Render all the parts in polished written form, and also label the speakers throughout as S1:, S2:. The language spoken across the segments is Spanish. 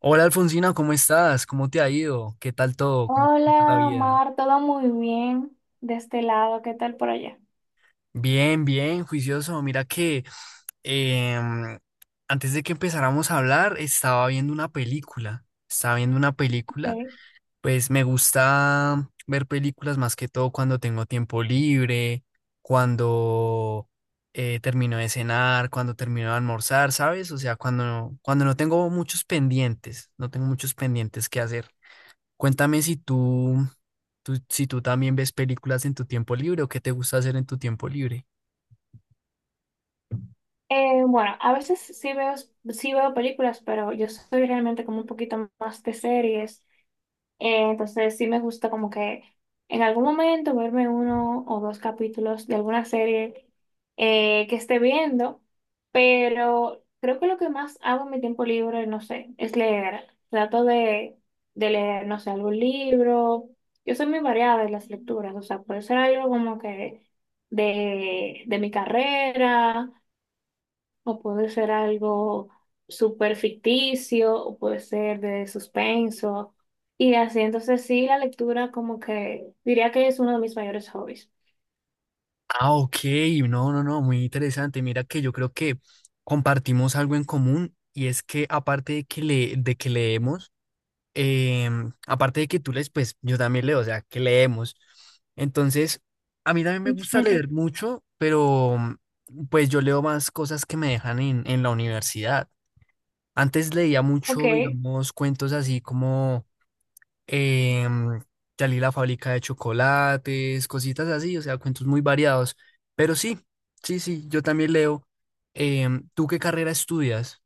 S1: Hola Alfonsina, ¿cómo estás? ¿Cómo te ha ido? ¿Qué tal todo? ¿Cómo te está la
S2: Hola,
S1: vida?
S2: Omar, todo muy bien de este lado, ¿qué tal por allá?
S1: Bien, bien, juicioso. Mira que em, antes de que empezáramos a hablar, estaba viendo una película. Estaba viendo una película.
S2: Sí.
S1: Pues me gusta ver películas más que todo cuando tengo tiempo libre, cuando termino de cenar, cuando termino de almorzar, ¿sabes? O sea, cuando no tengo muchos pendientes, no tengo muchos pendientes que hacer. Cuéntame si si tú también ves películas en tu tiempo libre o qué te gusta hacer en tu tiempo libre.
S2: Bueno, a veces sí veo películas, pero yo soy realmente como un poquito más de series. Entonces sí me gusta como que en algún momento verme uno o dos capítulos de alguna serie que esté viendo, pero creo que lo que más hago en mi tiempo libre, no sé, es leer. Trato de leer, no sé, algún libro. Yo soy muy variada en las lecturas, o sea, puede ser algo como que de mi carrera o puede ser algo súper ficticio, o puede ser de suspenso. Y así, entonces sí, la lectura como que diría que es uno de mis mayores hobbies.
S1: Ah, ok, no, no, no, muy interesante. Mira que yo creo que compartimos algo en común y es que aparte de que, de que leemos, aparte de que tú lees, pues yo también leo, o sea, que leemos. Entonces, a mí también me gusta
S2: Ujú.
S1: leer mucho, pero pues yo leo más cosas que me dejan en la universidad. Antes leía
S2: Ok.
S1: mucho, digamos, cuentos así como em, Dalí la fábrica de chocolates, cositas así, o sea, cuentos muy variados. Pero sí, sí, sí, yo también leo. ¿Tú qué carrera estudias?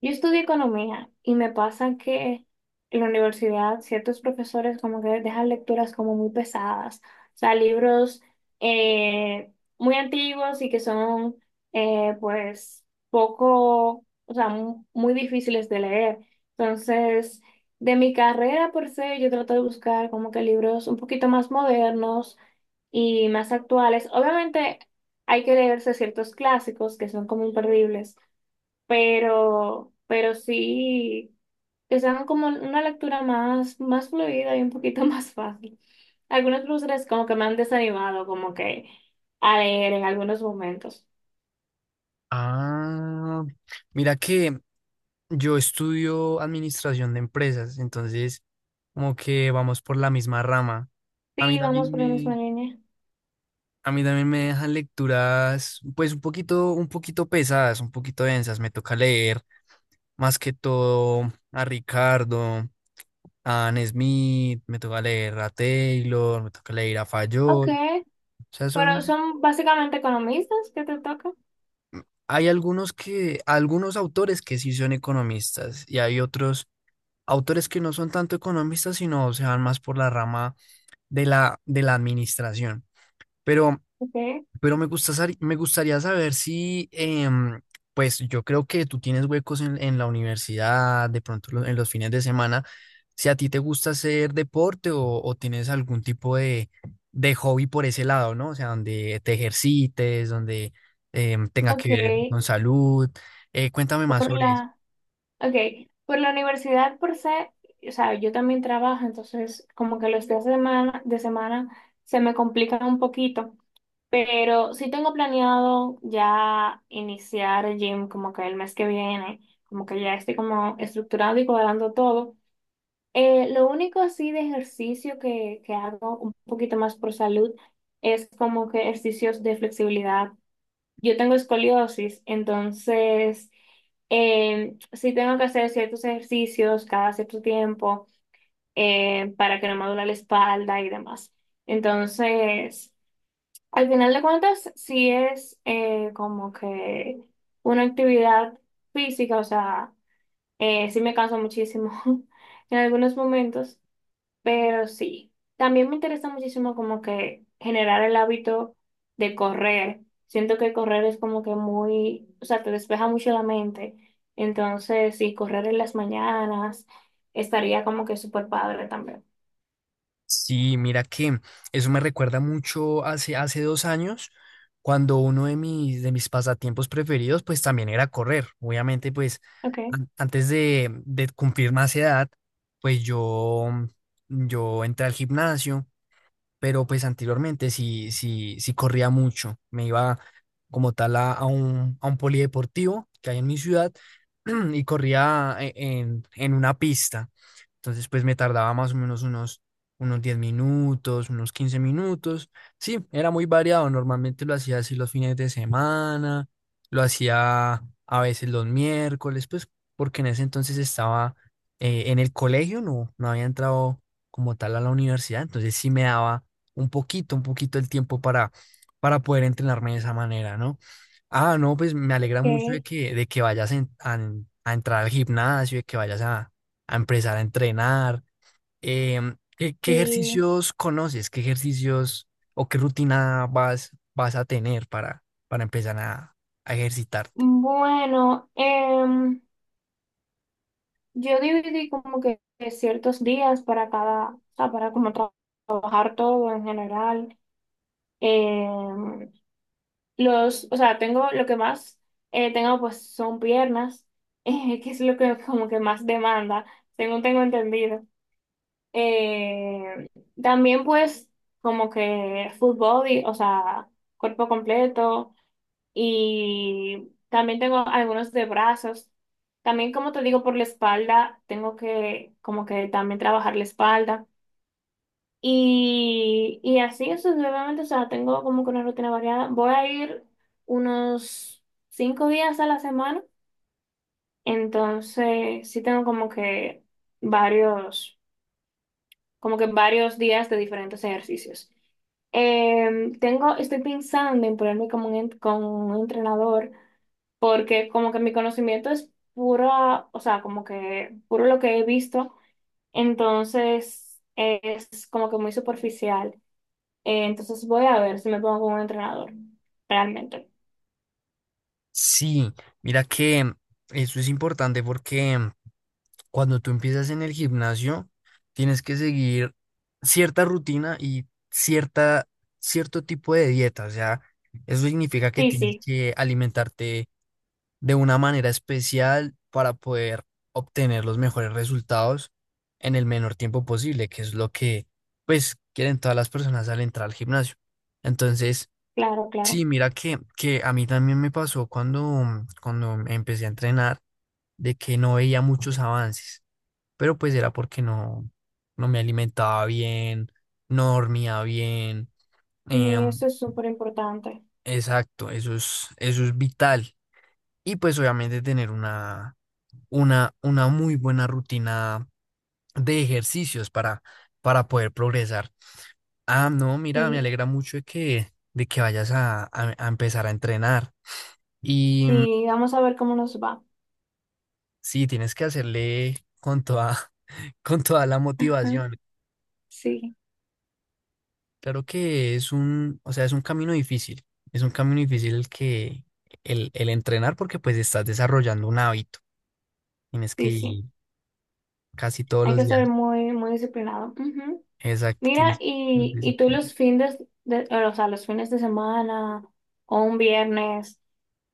S2: Yo estudié economía y me pasa que en la universidad ciertos profesores como que dejan lecturas como muy pesadas, o sea, libros eh, muy antiguos y que son pues poco, o sea, muy difíciles de leer. Entonces, de mi carrera por se, yo trato de buscar como que libros un poquito más modernos y más actuales. Obviamente hay que leerse ciertos clásicos que son como imperdibles, pero sí, que sean como una lectura más, más fluida y un poquito más fácil. Algunos ilustres como que me han desanimado, como que a leer en algunos momentos.
S1: Ah, mira que yo estudio administración de empresas, entonces como que vamos por la misma rama. A mí
S2: Sí, vamos
S1: también
S2: por la misma
S1: me,
S2: línea.
S1: a mí también me dejan lecturas, pues un poquito pesadas, un poquito densas, me toca leer. Más que todo a Ricardo, a Anne Smith, me toca leer a Taylor, me toca leer a
S2: Ok,
S1: Fayol. O sea,
S2: pero
S1: son,
S2: son básicamente economistas que te tocan.
S1: hay algunos que, algunos autores que sí son economistas y hay otros autores que no son tanto economistas, sino se van más por la rama de la administración. Pero
S2: Okay.
S1: Pero me gusta, me gustaría saber si, pues yo creo que tú tienes huecos en la universidad, de pronto en los fines de semana, si a ti te gusta hacer deporte o tienes algún tipo de hobby por ese lado, ¿no? O sea, donde te ejercites, donde tenga que ver
S2: Okay.
S1: con salud. Cuéntame más
S2: Por
S1: sobre eso.
S2: okay, por la universidad por se, o sea, yo también trabajo, entonces como que los días de semana se me complican un poquito. Pero sí tengo planeado ya iniciar el gym como que el mes que viene, como que ya estoy como estructurando y cuadrando todo. Lo único así de ejercicio que hago un poquito más por salud es como que ejercicios de flexibilidad. Yo tengo escoliosis, entonces sí tengo que hacer ciertos ejercicios cada cierto tiempo para que no me duela la espalda y demás. Entonces, al final de cuentas, sí es como que una actividad física, o sea, sí me canso muchísimo en algunos momentos, pero sí. También me interesa muchísimo como que generar el hábito de correr. Siento que correr es como que muy, o sea, te despeja mucho la mente. Entonces, sí, correr en las mañanas estaría como que súper padre también.
S1: Sí, mira que eso me recuerda mucho hace, hace 2 años, cuando uno de mis pasatiempos preferidos, pues también era correr. Obviamente, pues
S2: Okay,
S1: antes de cumplir más edad, pues yo entré al gimnasio pero pues anteriormente sí, sí, sí corría mucho. Me iba como tal a un polideportivo que hay en mi ciudad y corría en una pista. Entonces pues me tardaba más o menos unos, unos 10 minutos, unos 15 minutos. Sí, era muy variado. Normalmente lo hacía así los fines de semana, lo hacía a veces los miércoles, pues porque en ese entonces estaba en el colegio, no, no había entrado como tal a la universidad, entonces sí me daba un poquito el tiempo para poder entrenarme de esa manera, ¿no? Ah, no, pues me alegra mucho
S2: okay,
S1: de que vayas a entrar al gimnasio, de que vayas a empezar a entrenar. ¿Qué, qué
S2: sí.
S1: ejercicios conoces? ¿Qué ejercicios o qué rutina vas, vas a tener para empezar a ejercitarte?
S2: Bueno, yo dividí como que ciertos días para cada, o sea, para como trabajar todo en general. Eh, los, o sea, tengo lo que más tengo pues son piernas, que es lo que como que más demanda, según tengo entendido. Eh, También pues como que full body, o sea, cuerpo completo, y también tengo algunos de brazos. También, como te digo, por la espalda, tengo que como que también trabajar la espalda. Y así sucesivamente, o sea, tengo como que una rutina variada. Voy a ir unos 5 días a la semana, entonces sí tengo varios, como que varios días de diferentes ejercicios. Tengo, estoy pensando en ponerme como un, con un entrenador porque como que mi conocimiento es pura, o sea, como que puro lo que he visto, entonces es como que muy superficial. Entonces voy a ver si me pongo con un entrenador, realmente.
S1: Sí, mira que eso es importante porque cuando tú empiezas en el gimnasio, tienes que seguir cierta rutina y cierta, cierto tipo de dieta. O sea, eso significa que tienes
S2: Sí,
S1: que alimentarte de una manera especial para poder obtener los mejores resultados en el menor tiempo posible, que es lo que, pues, quieren todas las personas al entrar al gimnasio. Entonces,
S2: claro, claro.
S1: sí, mira que a mí también me pasó cuando, cuando empecé a entrenar, de que no veía muchos avances, pero pues era porque no, no me alimentaba bien, no dormía bien.
S2: Y
S1: em,
S2: eso es súper importante.
S1: exacto, eso es vital. Y pues obviamente tener una muy buena rutina de ejercicios para poder progresar. Ah, no, mira, me
S2: Sí,
S1: alegra mucho de que vayas a, a empezar a entrenar. Y
S2: sí, vamos a ver cómo nos va.
S1: sí, tienes que hacerle con toda, con toda la
S2: Ajá.
S1: motivación.
S2: Sí,
S1: Claro que es un, o sea, es un camino difícil. Es un camino difícil el que el entrenar porque pues estás desarrollando un hábito. Tienes que
S2: sí, sí.
S1: ir casi todos
S2: Hay
S1: los
S2: que
S1: días.
S2: ser muy, muy disciplinado. Ujú.
S1: Exacto,
S2: Mira,
S1: tienes
S2: y tú
S1: disciplina.
S2: los fines de, o sea, los fines de semana o un viernes,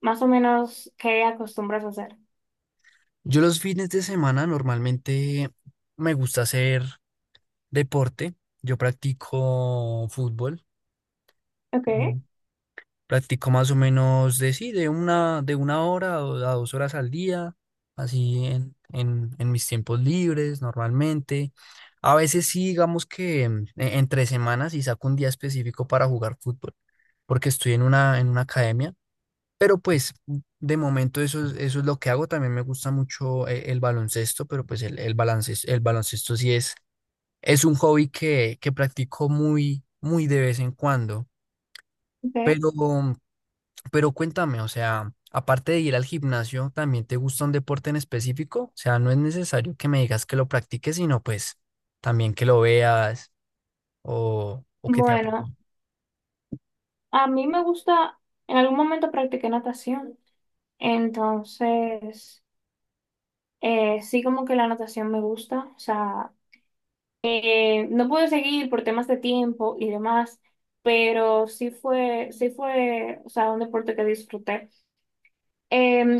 S2: más o menos, ¿qué acostumbras a hacer?
S1: Yo los fines de semana normalmente me gusta hacer deporte. Yo practico fútbol.
S2: Okay,
S1: Mm, Practico más o menos de sí, de una hora o a dos horas al día, así en mis tiempos libres normalmente. A veces sí, digamos que entre semanas y saco un día específico para jugar fútbol, porque estoy en una academia, pero pues de momento eso es lo que hago. También me gusta mucho el, baloncesto, pero pues el baloncesto sí es un hobby que practico muy, muy de vez en cuando.
S2: okay.
S1: Pero pero cuéntame, o sea, aparte de ir al gimnasio, ¿también te gusta un deporte en específico? O sea, no es necesario que me digas que lo practiques, sino pues también que lo veas o que te...
S2: Bueno, a mí me gusta, en algún momento practiqué natación, entonces sí como que la natación me gusta, o sea, no pude seguir por temas de tiempo y demás, pero sí fue, o sea, un deporte que disfruté.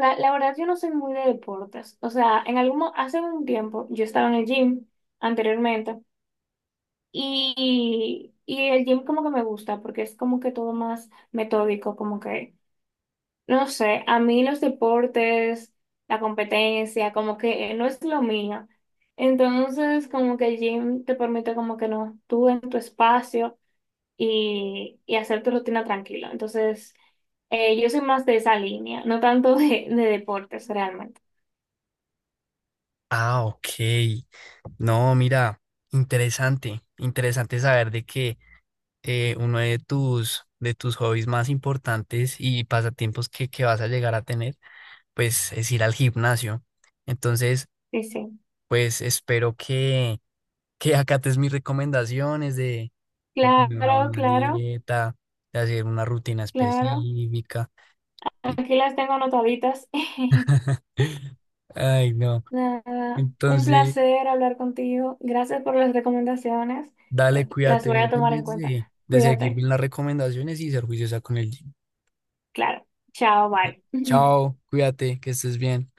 S2: La verdad, yo no soy muy de deportes. O sea, en algún, hace un tiempo yo estaba en el gym anteriormente y el gym como que me gusta porque es como que todo más metódico, como que, no sé, a mí los deportes, la competencia, como que no es lo mío. Entonces, como que el gym te permite como que no, tú en tu espacio y hacer tu rutina tranquilo. Entonces, yo soy más de esa línea, no tanto de deportes realmente.
S1: Ah, ok. No, mira, interesante, interesante saber de que uno de tus hobbies más importantes y pasatiempos que vas a llegar a tener, pues es ir al gimnasio. Entonces,
S2: Sí, sí.
S1: pues espero que acates mis recomendaciones de tener una
S2: Claro,
S1: buena
S2: claro,
S1: dieta, de hacer una rutina
S2: claro.
S1: específica.
S2: Aquí las tengo anotaditas.
S1: Ay, no.
S2: Nada, un
S1: Entonces,
S2: placer hablar contigo. Gracias por las recomendaciones.
S1: dale,
S2: Las
S1: cuídate,
S2: voy
S1: no
S2: a
S1: te
S2: tomar en
S1: olvides
S2: cuenta.
S1: de seguir
S2: Cuídate.
S1: bien las recomendaciones y ser juiciosa con el gym.
S2: Claro. Chao, bye.
S1: Chao, cuídate, que estés bien.